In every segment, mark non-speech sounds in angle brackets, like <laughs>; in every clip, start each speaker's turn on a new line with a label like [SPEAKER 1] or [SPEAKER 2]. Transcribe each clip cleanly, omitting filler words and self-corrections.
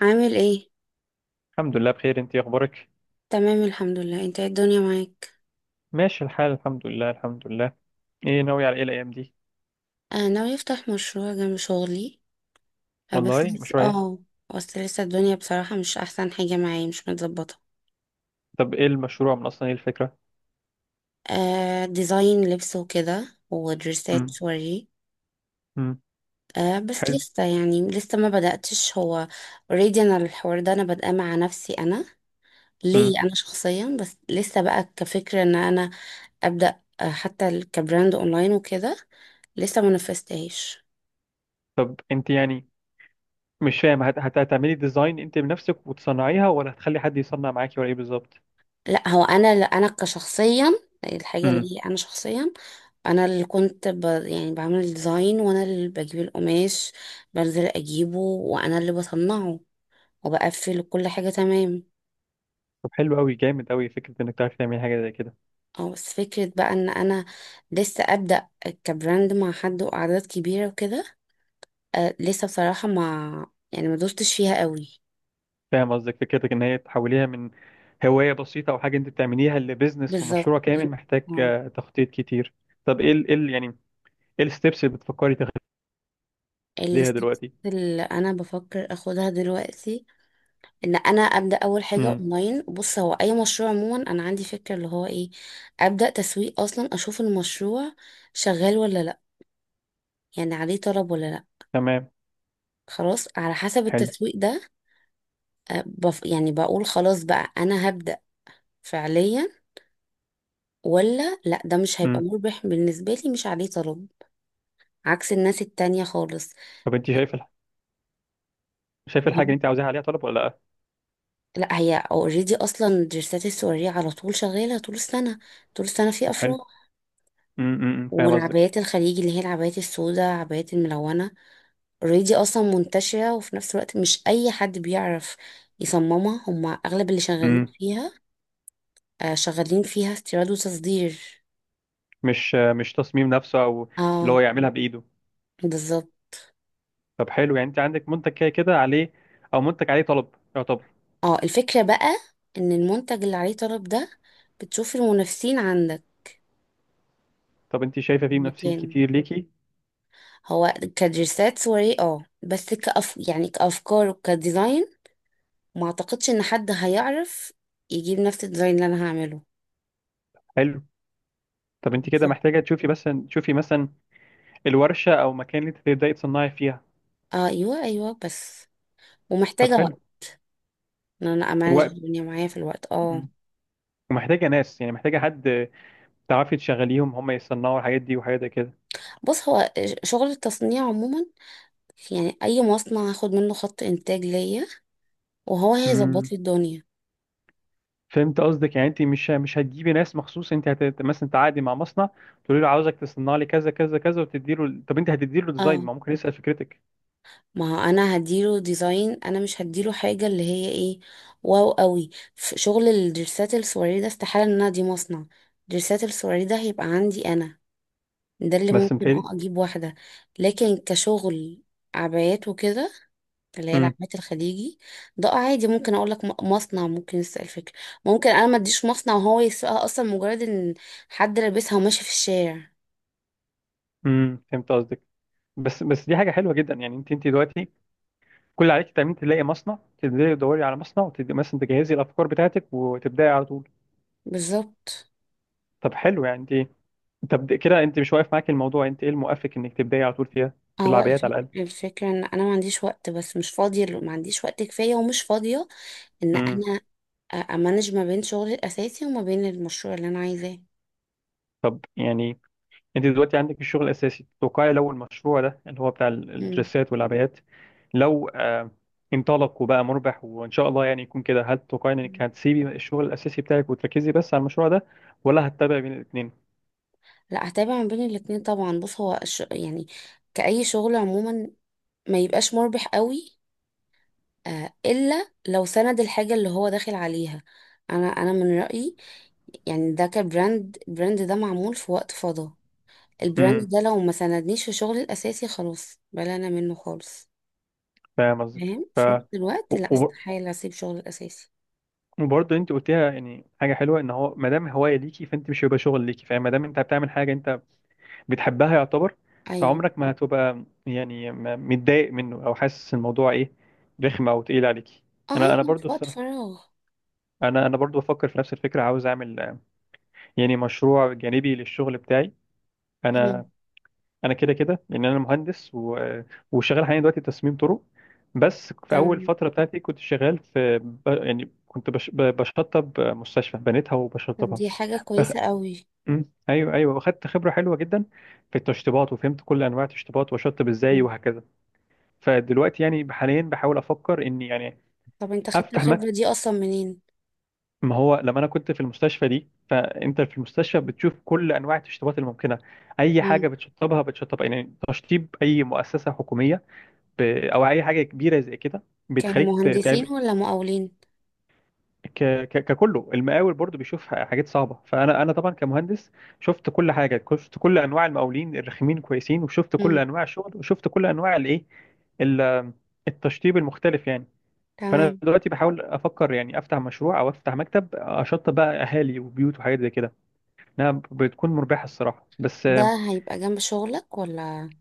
[SPEAKER 1] عامل ايه؟
[SPEAKER 2] الحمد لله بخير. انت اخبارك؟
[SPEAKER 1] تمام، الحمد لله. انت، ايه الدنيا معاك؟
[SPEAKER 2] ماشي الحال، الحمد لله الحمد لله. ايه ناوي على ايه الايام دي؟
[SPEAKER 1] انا ناوي افتح مشروع جنب شغلي، بس
[SPEAKER 2] والله
[SPEAKER 1] لسه
[SPEAKER 2] مشروع ايه؟
[SPEAKER 1] اه بس لسه الدنيا بصراحة مش احسن حاجة معايا، مش متظبطة.
[SPEAKER 2] طب ايه المشروع، من اصلا ايه الفكره؟
[SPEAKER 1] آه، ديزاين لبس وكده ودريسات
[SPEAKER 2] امم.
[SPEAKER 1] سوري.
[SPEAKER 2] امم.
[SPEAKER 1] آه، بس
[SPEAKER 2] حلو.
[SPEAKER 1] لسه يعني لسه ما بدأتش هو. اوريدي انا الحوار ده انا بادئه مع نفسي، انا
[SPEAKER 2] امم.
[SPEAKER 1] ليا انا شخصيا، بس لسه بقى كفكرة ان انا ابدأ حتى كبراند اونلاين وكده، لسه ما نفذتهاش.
[SPEAKER 2] طب انت يعني، مش فاهم هتعملي ديزاين انت بنفسك وتصنعيها، ولا هتخلي حد يصنع معاكي، ولا ايه بالظبط؟
[SPEAKER 1] لا، هو انا، لا انا كشخصيا، الحاجه
[SPEAKER 2] امم.
[SPEAKER 1] اللي انا شخصيا، انا اللي كنت يعني بعمل الديزاين، وانا اللي بجيب القماش، بنزل اجيبه وانا اللي بصنعه وبقفل كل حاجه. تمام.
[SPEAKER 2] طب حلو قوي، جامد قوي فكره انك تعرفي تعملي حاجه زي كده.
[SPEAKER 1] اه، بس فكره بقى ان انا لسه ابدا كبراند مع حد واعداد كبيره وكده. أه، لسه بصراحه ما يعني ما دوستش فيها قوي.
[SPEAKER 2] فاهم قصدك، فكرتك ان هي تحوليها من هوايه بسيطه او حاجه انت بتعمليها لبزنس،
[SPEAKER 1] بالظبط.
[SPEAKER 2] ومشروع كامل محتاج
[SPEAKER 1] اه،
[SPEAKER 2] تخطيط كتير. طب يعني ايه الستبس اللي بتفكري ليها
[SPEAKER 1] الستبس
[SPEAKER 2] دلوقتي؟
[SPEAKER 1] اللي انا بفكر اخدها دلوقتي ان انا ابدا اول حاجه
[SPEAKER 2] امم.
[SPEAKER 1] اونلاين. بص، هو اي مشروع عموما انا عندي فكره اللي هو ايه، ابدا تسويق اصلا، اشوف المشروع شغال ولا لا، يعني عليه طلب ولا لا.
[SPEAKER 2] تمام.
[SPEAKER 1] خلاص، على حسب
[SPEAKER 2] حلو.
[SPEAKER 1] التسويق ده، أه، بف يعني بقول خلاص بقى انا هبدا فعليا ولا لا، ده مش هيبقى
[SPEAKER 2] امم.
[SPEAKER 1] مربح بالنسبه لي، مش عليه طلب عكس الناس التانية خالص.
[SPEAKER 2] طب انت شايف شايف الحاجه اللي
[SPEAKER 1] فاهمني؟
[SPEAKER 2] انت عاوزاها عليها طلب ولا لا؟
[SPEAKER 1] لا، هي اوريدي اصلا درسات السورية على طول شغاله طول السنه، طول السنه في
[SPEAKER 2] طب حلو.
[SPEAKER 1] افراح.
[SPEAKER 2] أمم، فاهم قصدك.
[SPEAKER 1] والعبايات الخليجي، اللي هي العبايات السوداء، عبايات الملونة اوريدي اصلا منتشرة، وفي نفس الوقت مش اي حد بيعرف يصممها، هما اغلب اللي شغالين
[SPEAKER 2] امم.
[SPEAKER 1] فيها آه، شغالين فيها استيراد وتصدير.
[SPEAKER 2] مش تصميم نفسه، او اللي هو
[SPEAKER 1] اه،
[SPEAKER 2] يعملها بايده.
[SPEAKER 1] بالظبط.
[SPEAKER 2] طب حلو، يعني انت عندك منتج كده كده عليه، او منتج عليه طلب يعتبر.
[SPEAKER 1] اه، الفكرة بقى ان المنتج اللي عليه طلب ده بتشوف المنافسين عندك
[SPEAKER 2] طب انت شايفه
[SPEAKER 1] في
[SPEAKER 2] فيه منافسين
[SPEAKER 1] المكان.
[SPEAKER 2] كتير ليكي؟
[SPEAKER 1] هو كدرسات صورية، اه بس كأف يعني كأفكار وكديزاين، ما اعتقدش ان حد هيعرف يجيب نفس الديزاين اللي انا هعمله.
[SPEAKER 2] حلو. طب انت كده
[SPEAKER 1] بالظبط.
[SPEAKER 2] محتاجه تشوفي، بس تشوفي مثلا الورشه او مكان اللي انت تبداي تصنعي فيها.
[SPEAKER 1] اه، ايوه ايوه، بس
[SPEAKER 2] طب
[SPEAKER 1] ومحتاجة
[SPEAKER 2] حلو.
[SPEAKER 1] وقت، ان انا
[SPEAKER 2] و...
[SPEAKER 1] امانج الدنيا معايا في الوقت اه
[SPEAKER 2] أمم. ومحتاجه ناس، يعني محتاجه حد تعرفي تشغليهم هم يصنعوا الحاجات دي، وحاجات زي كده.
[SPEAKER 1] بص، هو شغل التصنيع عموما، يعني اي مصنع هاخد منه خط انتاج ليا وهو هيظبط
[SPEAKER 2] امم.
[SPEAKER 1] لي الدنيا.
[SPEAKER 2] فهمت قصدك، يعني انت مش هتجيبي ناس مخصوص، انت مثلا تعاقدي مع مصنع، تقولي له عاوزك تصنع لي كذا كذا كذا، وتدي له. طب انت هتدي له ديزاين،
[SPEAKER 1] اه،
[SPEAKER 2] ما ممكن يسأل فكرتك.
[SPEAKER 1] ما هو انا هديله ديزاين، انا مش هديله حاجه اللي هي ايه، واو قوي. في شغل الدرسات السواري ده استحاله ان انا دي مصنع، درسات السواري ده هيبقى عندي انا، ده اللي
[SPEAKER 2] بس
[SPEAKER 1] ممكن
[SPEAKER 2] متهيألي.
[SPEAKER 1] اجيب واحدة. لكن كشغل عبايات وكده، اللي هي
[SPEAKER 2] امم
[SPEAKER 1] العبايات الخليجي، ده عادي ممكن اقول لك مصنع ممكن يسأل فكرة، ممكن انا ما اديش مصنع وهو يسوقها، اصلا مجرد ان حد لابسها وماشي في الشارع.
[SPEAKER 2] فهمت قصدك. بس دي حاجه حلوه جدا، يعني انت دلوقتي كل عليك تعملي تلاقي مصنع، تبداي تدوري على مصنع، وتبدأ مثلا تجهزي الافكار بتاعتك، وتبداي على طول.
[SPEAKER 1] بالظبط.
[SPEAKER 2] طب حلو، يعني انت طب كده انت مش واقف معاك الموضوع، انت ايه المؤفق انك تبداي على طول فيها، في
[SPEAKER 1] هو
[SPEAKER 2] العبايات على الاقل.
[SPEAKER 1] الفكرة ان انا ما عنديش وقت، بس مش فاضية ما عنديش وقت كفاية ومش فاضية ان
[SPEAKER 2] امم.
[SPEAKER 1] انا امانج ما بين شغلي الاساسي وما بين المشروع اللي انا عايزاه.
[SPEAKER 2] طب يعني انت دلوقتي عندك الشغل الاساسي، توقعي لو المشروع ده اللي هو بتاع
[SPEAKER 1] مم.
[SPEAKER 2] الدريسات والعبايات، لو انطلق وبقى مربح وان شاء الله، يعني يكون كده، هل تتوقعي انك هتسيبي الشغل الاساسي بتاعك وتركزي بس على المشروع ده، ولا هتتابعي بين الاثنين؟
[SPEAKER 1] لا، هتابع ما بين الاتنين طبعا. بص، هو يعني كأي شغل عموما ما يبقاش مربح قوي، إلا لو سند الحاجة اللي هو داخل عليها. أنا من رأيي، يعني ده كبراند، البراند ده معمول في وقت فضا، البراند
[SPEAKER 2] امم.
[SPEAKER 1] ده لو ما سندنيش في شغلي الأساسي خلاص بلانا منه خالص.
[SPEAKER 2] فاهم قصدك.
[SPEAKER 1] فاهم، في نفس الوقت
[SPEAKER 2] و-
[SPEAKER 1] لا،
[SPEAKER 2] وب-
[SPEAKER 1] استحالة أسيب شغلي الأساسي.
[SPEAKER 2] وبرضه انت قلتيها، يعني حاجه حلوه ان هو ما دام هوايه ليكي، فانت مش هيبقى شغل ليكي، فما دام انت بتعمل حاجه انت بتحبها يعتبر،
[SPEAKER 1] أيوه.
[SPEAKER 2] فعمرك ما هتبقى يعني متضايق منه، او حاسس الموضوع ايه، رخم او تقيل عليكي.
[SPEAKER 1] اه،
[SPEAKER 2] انا
[SPEAKER 1] أيوه، في
[SPEAKER 2] برضو
[SPEAKER 1] وقت
[SPEAKER 2] الصراحه،
[SPEAKER 1] فراغ.
[SPEAKER 2] انا برضو بفكر في نفس الفكره، عاوز اعمل يعني مشروع جانبي للشغل بتاعي.
[SPEAKER 1] مم.
[SPEAKER 2] انا انا كده كده لان انا مهندس، و... آه، وشغال حاليا دلوقتي تصميم طرق. بس في اول
[SPEAKER 1] تمام.
[SPEAKER 2] فتره بتاعتي كنت شغال في يعني كنت بشطب مستشفى بنيتها
[SPEAKER 1] طب
[SPEAKER 2] وبشطبها.
[SPEAKER 1] دي حاجة كويسة
[SPEAKER 2] <laughs>
[SPEAKER 1] قوي.
[SPEAKER 2] مم. ايوه ايوه، واخدت خبره حلوه جدا في التشطيبات، وفهمت كل انواع التشطيبات، واشطب ازاي
[SPEAKER 1] مم.
[SPEAKER 2] وهكذا. فدلوقتي يعني حاليا بحاول افكر اني يعني
[SPEAKER 1] طب انت خدت
[SPEAKER 2] افتح
[SPEAKER 1] الخبرة
[SPEAKER 2] مكتب.
[SPEAKER 1] دي أصلا منين؟
[SPEAKER 2] ما هو لما انا كنت في المستشفى دي، فانت في المستشفى بتشوف كل انواع التشطيبات الممكنه، اي حاجه
[SPEAKER 1] مم.
[SPEAKER 2] بتشطبها بتشطب يعني تشطيب اي مؤسسه حكوميه، او اي حاجه كبيره زي كده،
[SPEAKER 1] كانوا
[SPEAKER 2] بتخليك
[SPEAKER 1] مهندسين ولا مقاولين؟
[SPEAKER 2] ككله. المقاول برضو بيشوف حاجات صعبه، فانا طبعا كمهندس شفت كل حاجه، شفت كل انواع المقاولين الرخمين كويسين، وشفت كل
[SPEAKER 1] مم.
[SPEAKER 2] انواع الشغل، وشفت كل انواع الايه ال- التشطيب المختلف يعني. فانا
[SPEAKER 1] تمام.
[SPEAKER 2] دلوقتي بحاول افكر يعني افتح مشروع او افتح مكتب، اشطب بقى اهالي وبيوت وحاجات زي كده، انها بتكون مربحه الصراحه، بس
[SPEAKER 1] ده هيبقى جنب شغلك ولا؟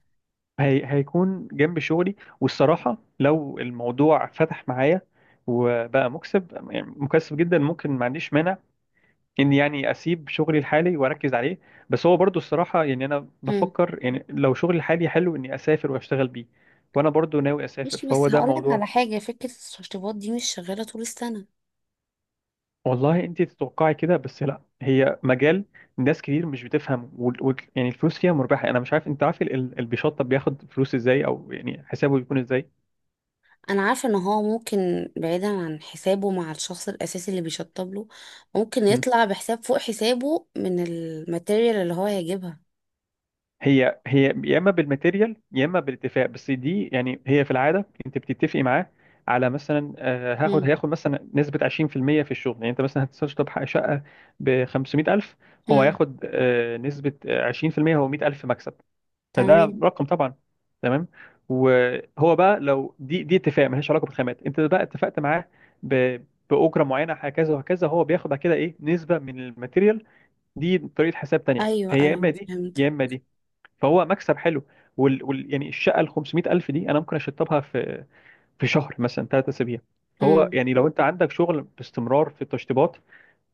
[SPEAKER 2] هيكون جنب شغلي. والصراحه لو الموضوع فتح معايا، وبقى مكسب، يعني مكسب جدا، ممكن ما عنديش مانع اني يعني اسيب شغلي الحالي واركز عليه. بس هو برضو الصراحه يعني انا
[SPEAKER 1] مم.
[SPEAKER 2] بفكر، يعني لو شغلي الحالي حلو اني اسافر واشتغل بيه، وانا برضو ناوي اسافر،
[SPEAKER 1] ماشي،
[SPEAKER 2] فهو
[SPEAKER 1] بس
[SPEAKER 2] ده
[SPEAKER 1] هقولك
[SPEAKER 2] موضوع.
[SPEAKER 1] على حاجة. فكرة التشطيبات دي مش شغالة طول السنة.
[SPEAKER 2] والله انت تتوقعي كده، بس لا، هي مجال ناس كتير مش بتفهم، يعني الفلوس فيها مربحه. انا مش عارف انت عارف اللي بيشطب بياخد فلوس ازاي، او يعني حسابه بيكون ازاي.
[SPEAKER 1] أنا عارفة إن هو ممكن بعيدا عن حسابه مع الشخص الأساسي اللي بيشطب له، ممكن يطلع بحساب فوق حسابه من الماتيريال اللي هو هيجيبها.
[SPEAKER 2] هي يا اما بالماتيريال يا اما بالاتفاق، بس دي يعني هي في العاده انت بتتفقي معاه على مثلا هاخد
[SPEAKER 1] مم.
[SPEAKER 2] هياخد مثلا نسبه 20% في المية في الشغل. يعني انت مثلا هتشطب شقه ب 500,000، هو
[SPEAKER 1] مم.
[SPEAKER 2] هياخد نسبه 20%، هو 100,000 مكسب. فده
[SPEAKER 1] تمام.
[SPEAKER 2] رقم طبعا. تمام. وهو بقى لو دي اتفاق ملهاش علاقه بالخامات، انت بقى اتفقت معاه ب- باجره معينه هكذا وهكذا، هو بياخد بعد كده ايه نسبه من الماتيريال، دي طريقه حساب تانيه.
[SPEAKER 1] أيوه،
[SPEAKER 2] فهي يا اما
[SPEAKER 1] أيوه،
[SPEAKER 2] دي
[SPEAKER 1] فهمت.
[SPEAKER 2] يا اما دي. فهو مكسب حلو، يعني الشقه ال 500 الف دي انا ممكن اشطبها في شهر، مثلا 3 اسابيع. فهو
[SPEAKER 1] مم.
[SPEAKER 2] يعني لو انت عندك شغل باستمرار في التشطيبات،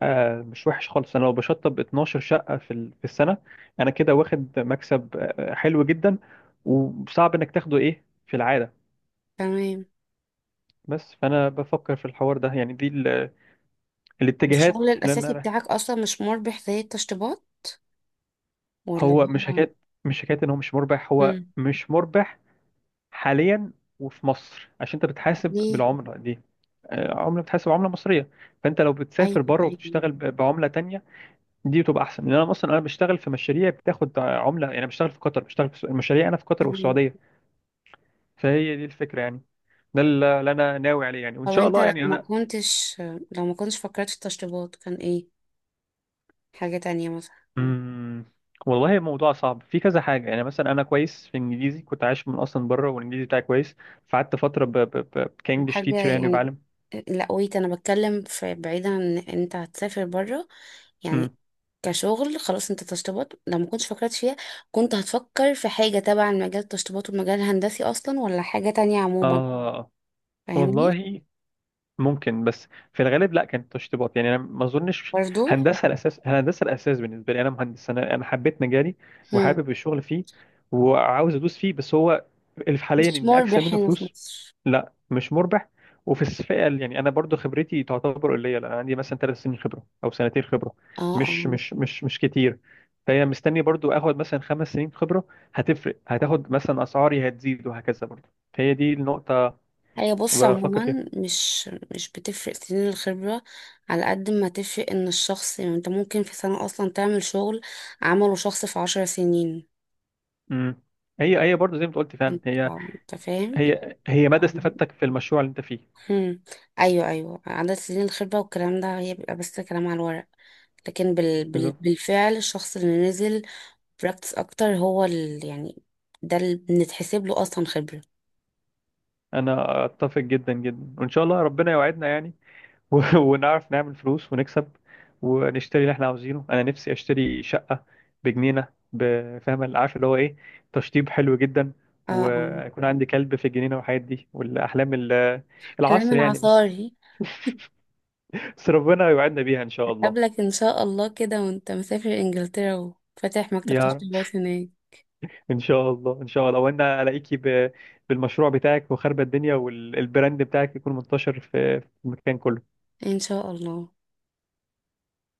[SPEAKER 2] آه مش وحش خالص. انا لو بشطب 12 شقه في في السنه، انا كده واخد مكسب حلو جدا، وصعب انك تاخده ايه في العاده.
[SPEAKER 1] تمام.
[SPEAKER 2] بس فانا بفكر في الحوار ده، يعني دي
[SPEAKER 1] طب الشغل
[SPEAKER 2] الاتجاهات، لان
[SPEAKER 1] الأساسي
[SPEAKER 2] انا،
[SPEAKER 1] بتاعك أصلا مش مربح زي التشطيبات ولا
[SPEAKER 2] هو مش
[SPEAKER 1] هو؟
[SPEAKER 2] حكايه، مش حكايه ان هو مش مربح. هو
[SPEAKER 1] مم.
[SPEAKER 2] مش مربح حاليا، وفي مصر عشان انت بتحاسب
[SPEAKER 1] ليه؟
[SPEAKER 2] بالعمله دي، عمله بتحسب عمله مصريه، فانت لو بتسافر
[SPEAKER 1] ايوه،
[SPEAKER 2] بره
[SPEAKER 1] ايوه.
[SPEAKER 2] وبتشتغل بعمله تانية، دي بتبقى احسن، لان انا اصلا انا بشتغل في مشاريع بتاخد عمله، يعني أنا بشتغل في قطر، بشتغل في المشاريع انا في قطر
[SPEAKER 1] تمام.
[SPEAKER 2] والسعوديه. فهي دي الفكره يعني، ده اللي انا ناوي عليه، يعني وان
[SPEAKER 1] طب
[SPEAKER 2] شاء
[SPEAKER 1] انت
[SPEAKER 2] الله
[SPEAKER 1] لو
[SPEAKER 2] يعني
[SPEAKER 1] ما
[SPEAKER 2] انا.
[SPEAKER 1] كنتش لو ما كنتش فكرت في التشطيبات كان ايه، حاجة تانية مثلا؟
[SPEAKER 2] مم، والله الموضوع صعب في كذا حاجه، يعني مثلا انا كويس في الانجليزي، كنت عايش من اصلا بره والانجليزي بتاعي كويس، فقعدت فتره كانجلش
[SPEAKER 1] حاجة
[SPEAKER 2] تيتشر، يعني
[SPEAKER 1] يعني.
[SPEAKER 2] بعلم.
[SPEAKER 1] لا، انا بتكلم في بعيدا عن ان انت هتسافر بره، يعني
[SPEAKER 2] مم.
[SPEAKER 1] كشغل خلاص، انت تشطيبات لو ما كنتش فكرت فيها كنت هتفكر في حاجة تبع المجال، التشطيبات والمجال الهندسي اصلا ولا حاجة تانية عموما؟
[SPEAKER 2] اه،
[SPEAKER 1] فاهمني؟
[SPEAKER 2] والله ممكن، بس في الغالب لا، كانت تشطيبات، يعني انا ما اظنش.
[SPEAKER 1] برضو.
[SPEAKER 2] هندسه الاساس، هندسه الاساس بالنسبه لي، انا مهندس. انا حبيت مجالي،
[SPEAKER 1] هم.
[SPEAKER 2] وحابب الشغل فيه، وعاوز ادوس فيه، بس هو اللي في حاليا
[SPEAKER 1] مش
[SPEAKER 2] ان اكسب
[SPEAKER 1] مربح
[SPEAKER 2] منه
[SPEAKER 1] هنا في
[SPEAKER 2] فلوس.
[SPEAKER 1] مصر.
[SPEAKER 2] لا مش مربح، وفي الفئه يعني انا برضو خبرتي تعتبر قليله. انا عندي مثلا 3 سنين خبره او سنتين خبره،
[SPEAKER 1] اه،
[SPEAKER 2] مش
[SPEAKER 1] اه.
[SPEAKER 2] مش مش مش كتير، فهي مستني برضو اخد مثلا 5 سنين خبره، هتفرق، هتاخد مثلا اسعاري هتزيد وهكذا برضو، فهي دي النقطه
[SPEAKER 1] هي بص
[SPEAKER 2] بفكر فيها.
[SPEAKER 1] عموما، مش بتفرق سنين الخبرة، على قد ما تفرق ان الشخص، يعني انت ممكن في سنة اصلا تعمل شغل عمله شخص في 10 سنين.
[SPEAKER 2] امم. هي هي برضه زي ما أنت قلت فعلا. هي
[SPEAKER 1] اه، انت فاهم.
[SPEAKER 2] هي هي مدى استفادتك في المشروع اللي انت فيه.
[SPEAKER 1] هم. ايوه، ايوه، عدد سنين الخبرة والكلام ده هي بيبقى بس كلام على الورق، لكن
[SPEAKER 2] بالظبط.
[SPEAKER 1] بالفعل الشخص اللي نزل براكتس اكتر هو يعني ده اللي بنتحسب له اصلا خبرة.
[SPEAKER 2] انا اتفق جدا جدا، وان شاء الله ربنا يوعدنا يعني. <laughs> ونعرف نعمل فلوس ونكسب، ونشتري اللي احنا عاوزينه. انا نفسي اشتري شقة بجنينة بفاهم، عارف اللي هو ايه، تشطيب حلو جدا،
[SPEAKER 1] اه، اه.
[SPEAKER 2] ويكون عندي كلب في الجنينة والحاجات دي، والاحلام
[SPEAKER 1] كلام
[SPEAKER 2] العصر يعني، بس.
[SPEAKER 1] العصاري.
[SPEAKER 2] بس ربنا يوعدنا بيها ان شاء الله.
[SPEAKER 1] قبلك ان شاء الله كده، وانت مسافر انجلترا وفاتح مكتب
[SPEAKER 2] يا
[SPEAKER 1] تشطيبات هناك.
[SPEAKER 2] ان شاء الله، ان شاء الله، وانا الاقيكي بالمشروع بتاعك، وخربة الدنيا، والبراند بتاعك يكون منتشر في المكان كله.
[SPEAKER 1] ان شاء الله.